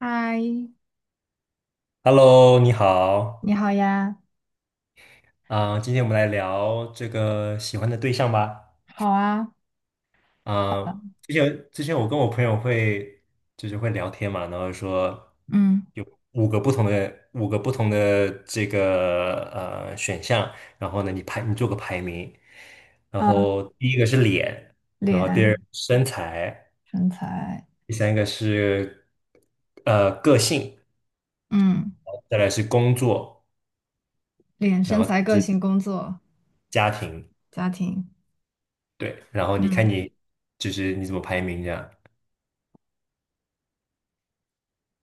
嗨，Hello，你好，你好呀，啊、今天我们来聊这个喜欢的对象吧。好啊。啊、之前我跟我朋友就是会聊天嘛，然后说嗯有五个不同的这个选项，然后呢你做个排名，然呃，后第一个是脸，然后第二个脸、是身材，身材、第三个是个性，嗯再来是工作，脸、然身后再材、来个是性、工作、家庭。家庭。对，然后你看嗯你就是你怎么排名这样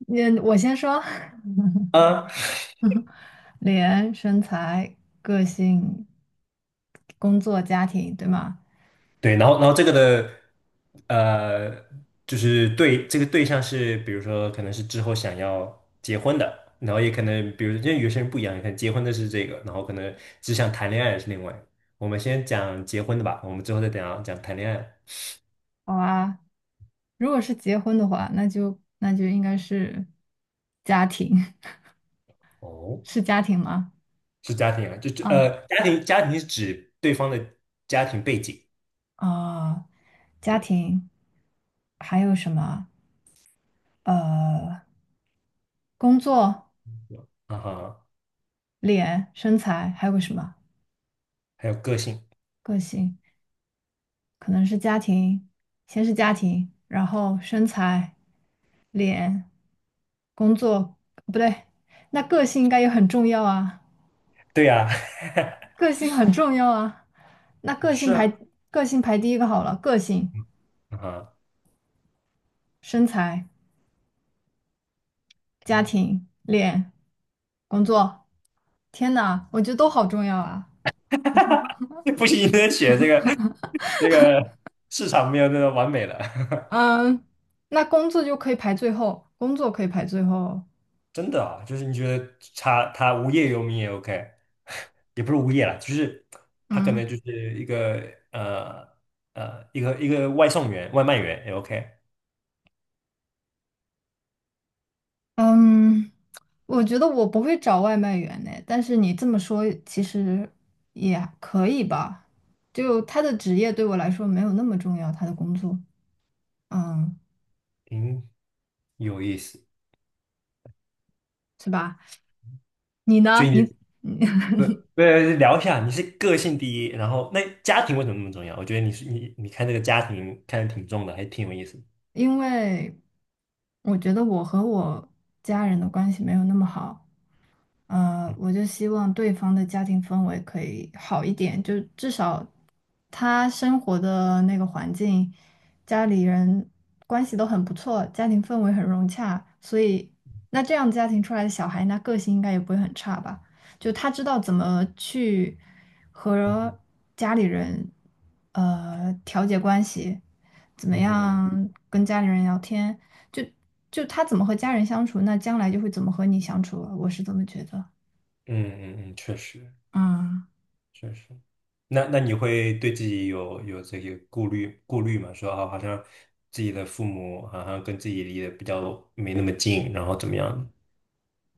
那我先说。啊？脸、身材、个性、工作、家庭，对吗？对，然后这个的呃，就是对这个对象是，比如说可能是之后想要结婚的，然后也可能比如因为有些人不一样，可能结婚的是这个，然后可能只想谈恋爱的是另外。我们先讲结婚的吧，我们之后再讲讲谈恋爱。好啊，如果是结婚的话，那就应该是家庭。哦，是家庭吗？是家庭啊，就啊，家庭是指对方的家庭背景，啊，家对，庭还有什么？呃，工作、啊哈，脸、身材，还有个什么？还有个性，个性，可能是家庭，先是家庭，然后身材、脸、工作。不对，那个性应该也很重要啊，对呀、个性很重要啊。那 是啊，个性排第一个好了，个性、啊哈。身材。家庭、工作。天呐，我觉得都好重要啊。哈哈，不行，你得写这个市场没有那个完美的，嗯，那工作就可以排最后，工作可以排最后。真的啊，就是你觉得他无业游民也 OK，也不是无业啦，就是他可嗯能就是一个呃一个外送员、外卖员也 OK，嗯，我觉得我不会找外卖员呢，但是你这么说其实也可以吧。就他的职业对我来说没有那么重要，他的工作。嗯，嗯，有意思。是吧？你所呢？以你你 不不聊一下，你是个性第一，然后那家庭为什么那么重要？我觉得你是你你看这个家庭看的挺重的，还挺有意思。因为我觉得我和我家人的关系没有那么好。我就希望对方的家庭氛围可以好一点，就至少他生活的那个环境，家里人关系都很不错，家庭氛围很融洽，所以那这样家庭出来的小孩，那个性应该也不会很差吧？就他知道怎么去嗯和哼，家里人调节关系，怎么嗯哼，样跟家里人聊天。就就他怎么和家人相处，那将来就会怎么和你相处啊，我是这么觉得。嗯嗯嗯，确实。嗯，确实。那你会对自己有这些顾虑吗？说啊，好像自己的父母好像跟自己离得比较没那么近，然后怎么样，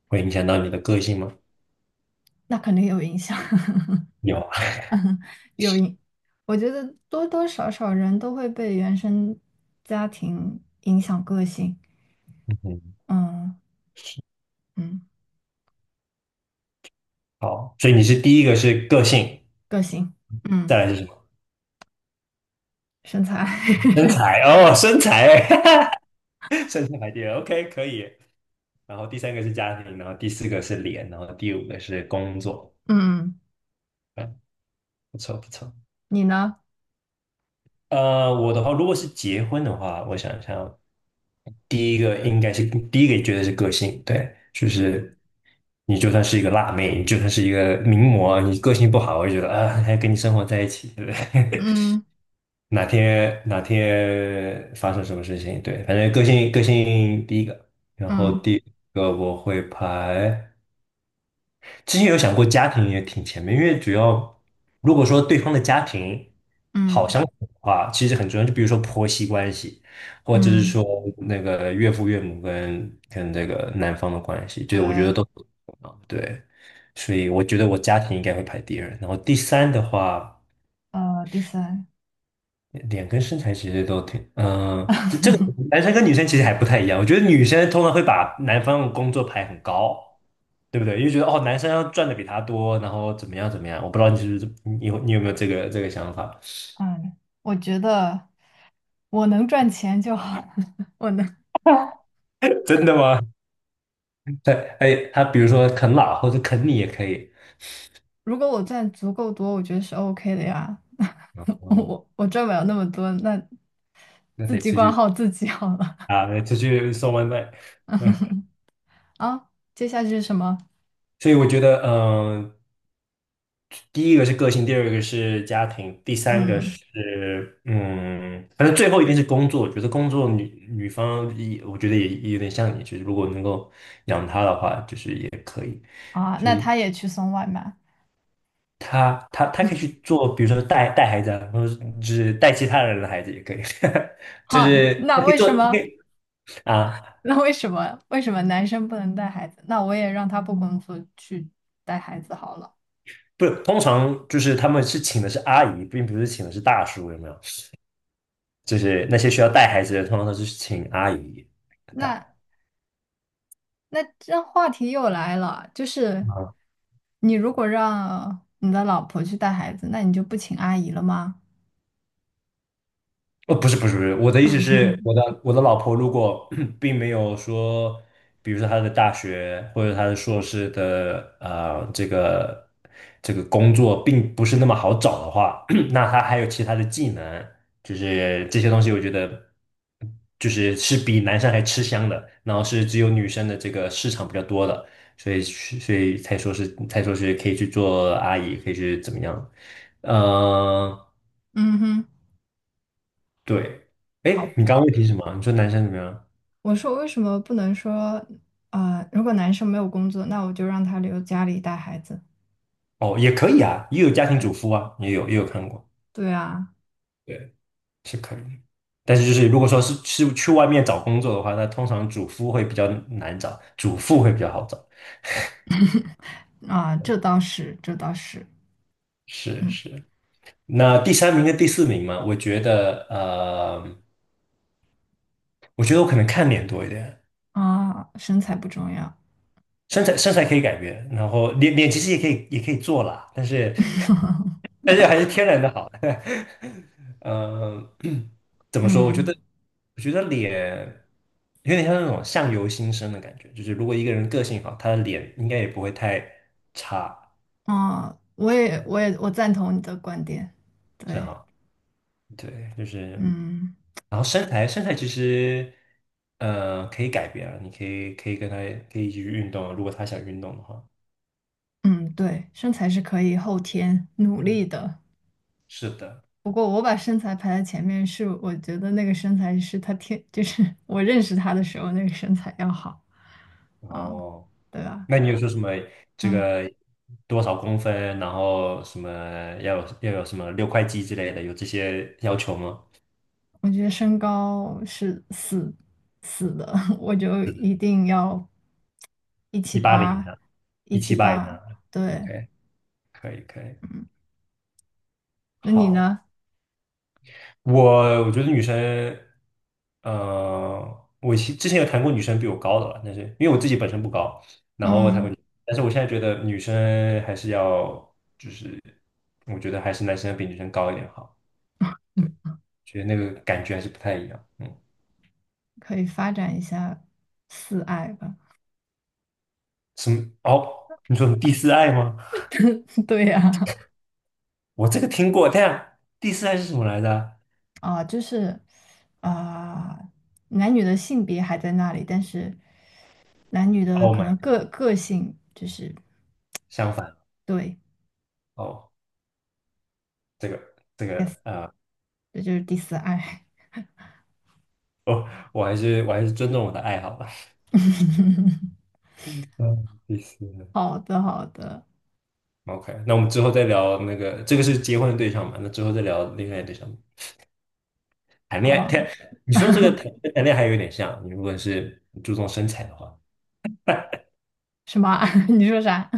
会影响到你的个性吗？那肯定有影响，有啊，有影。我觉得多多少少人都会被原生家庭影响个性。嗯，嗯嗯，好，所以你是第一个是个性，个性。嗯，再来是什么？身材。身材哦，身材，身材排第二，OK，可以。然后第三个是家庭，然后第四个是脸，然后第五个是工作，嗯，嗯，不错不错。你呢？我的话，如果是结婚的话，我想一下。第一个觉得是个性，对，就是你就算是一个辣妹，你就算是一个名模，你个性不好，我就觉得啊，还跟你生活在一起，对不对？嗯 哪天哪天发生什么事情，对，反正个性第一个，然后嗯第二个我会排。之前有想过家庭也挺前面，因为主要如果说对方的家庭好嗯相处的话，其实很重要。就比如说婆媳关系，或者是嗯，说那个岳父岳母跟这个男方的关系，对，我觉得对。都很重要。对，所以我觉得我家庭应该会排第二，然后第三的话，第三，脸跟身材其实都挺，这个男生跟女生其实还不太一样。我觉得女生通常会把男方的工作排很高，对不对？因为觉得哦，男生要赚的比他多，然后怎么样怎么样，我不知道你是不是你有你有没有这个想法？嗯，我觉得我能赚钱就好，我能。真的吗？对，哎，他比如说啃老或者啃你也可以，如果我赚足够多，我觉得是 OK 的呀。我嗯，我我赚不了那么多，那那自得己出管去好自己好了。啊，得出去送外卖。嗯，啊，接下去是什么？所以我觉得，第一个是个性，第二个是家庭，第三个嗯。是反正最后一定是工作。我觉得工作女方也，我觉得也有点像你，就是如果能够养她的话，就是也可以。啊，所那以。他也去送外卖。他可以去做，比如说带带孩子啊，或者是就是带其他人的孩子也可以，就好，是他那可以为做，什他可么？以啊，那为什么？为什么男生不能带孩子？那我也让他不工作去带孩子好了。不，通常就是他们是请的是阿姨，并不是请的是大叔，有没有？就是那些需要带孩子的，通常都是请阿姨那带。那这话题又来了，就是啊。你如果让你的老婆去带孩子，那你就不请阿姨了吗？哦，不是不是不是，我的意思是，我的老婆如果 并没有说，比如说她的大学或者她的硕士的这个工作并不是那么好找的话，那她还有其他的技能，就是这些东西，我觉得就是比男生还吃香的，然后是只有女生的这个市场比较多的，所以才说是可以去做阿姨，可以去怎么样，嗯、嗯哼。对，哎，好。你刚刚问题是什么啊？你说男生怎么样？我说为什么不能说，如果男生没有工作，那我就让他留家里带孩子。哦，也可以啊，也有家庭主妇啊，也有看过，对啊，对，是可以的但是就是如果说是去外面找工作的话，那通常主夫会比较难找，主妇会比较好找。啊，这倒是，这倒是。是嗯，是。那第三名跟第四名嘛，我觉得我觉得我可能看脸多一点。啊，身材不重要。身材可以改变，然后脸其实也可以做啦，但是 但是还是天然的好。呃，怎么说？我觉嗯，得我觉得脸有点像那种相由心生的感觉，就是如果一个人个性好，他的脸应该也不会太差，啊，感我也，我赞同你的观点。是对，哈。对，就是嗯然后身材其实可以改变啊，你可以跟他一起去运动啊，如果他想运动的话。嗯，对，身材是可以后天努力嗯，的。是的，不过我把身材排在前面，是我觉得那个身材是他天，就是我认识他的时候那个身材要好。然啊，后。对吧？那你有说什么这嗯。个多少公分，然后什么要有什么六块肌之类的，有这些要求吗？我觉得身高是死死的，我就一定要一七180以八，上，一一七七八以八，上对。，OK，可以可以，嗯，那你好，呢？我觉得女生，我之前有谈过女生比我高的了，但是因为我自己本身不高，然后我谈过嗯女，但是我现在觉得女生还是要，就是我觉得还是男生比女生高一点好，对，嗯，觉得那个感觉还是不太一样，嗯。可以发展一下四爱吧。什么？哦，你说什么第四爱吗？对呀。我这个听过，但第四爱是什么来着 啊，就是啊，男女的性别还在那里，但是男女的 o h 可 my，能 god，个性就是，相反对哦，这个，yes，啊，这就是第四爱。哦，我还是尊重我的爱好吧。嗯，第四 好的，好的。爱，OK，那我们之后再聊那个，这个是结婚的对象嘛？那之后再聊另外的对象。谈好恋爱，啊。谈，你说这个谈谈恋爱还有点像，你如果是注重身材的话，什么啊 你说啥？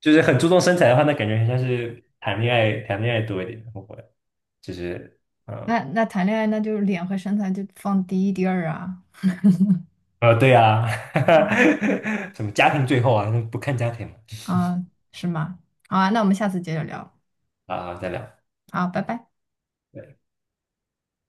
就是很注重身材的话，那感觉很像是谈恋爱，谈恋爱多一点，会不会？就是嗯。那那谈恋爱那就是脸和身材就放第一第二啊。对呀、啊，嗯 什么家庭最后啊，不看家庭嘛啊，是吗？好啊，那我们下次接着聊。啊，再聊。好，拜拜。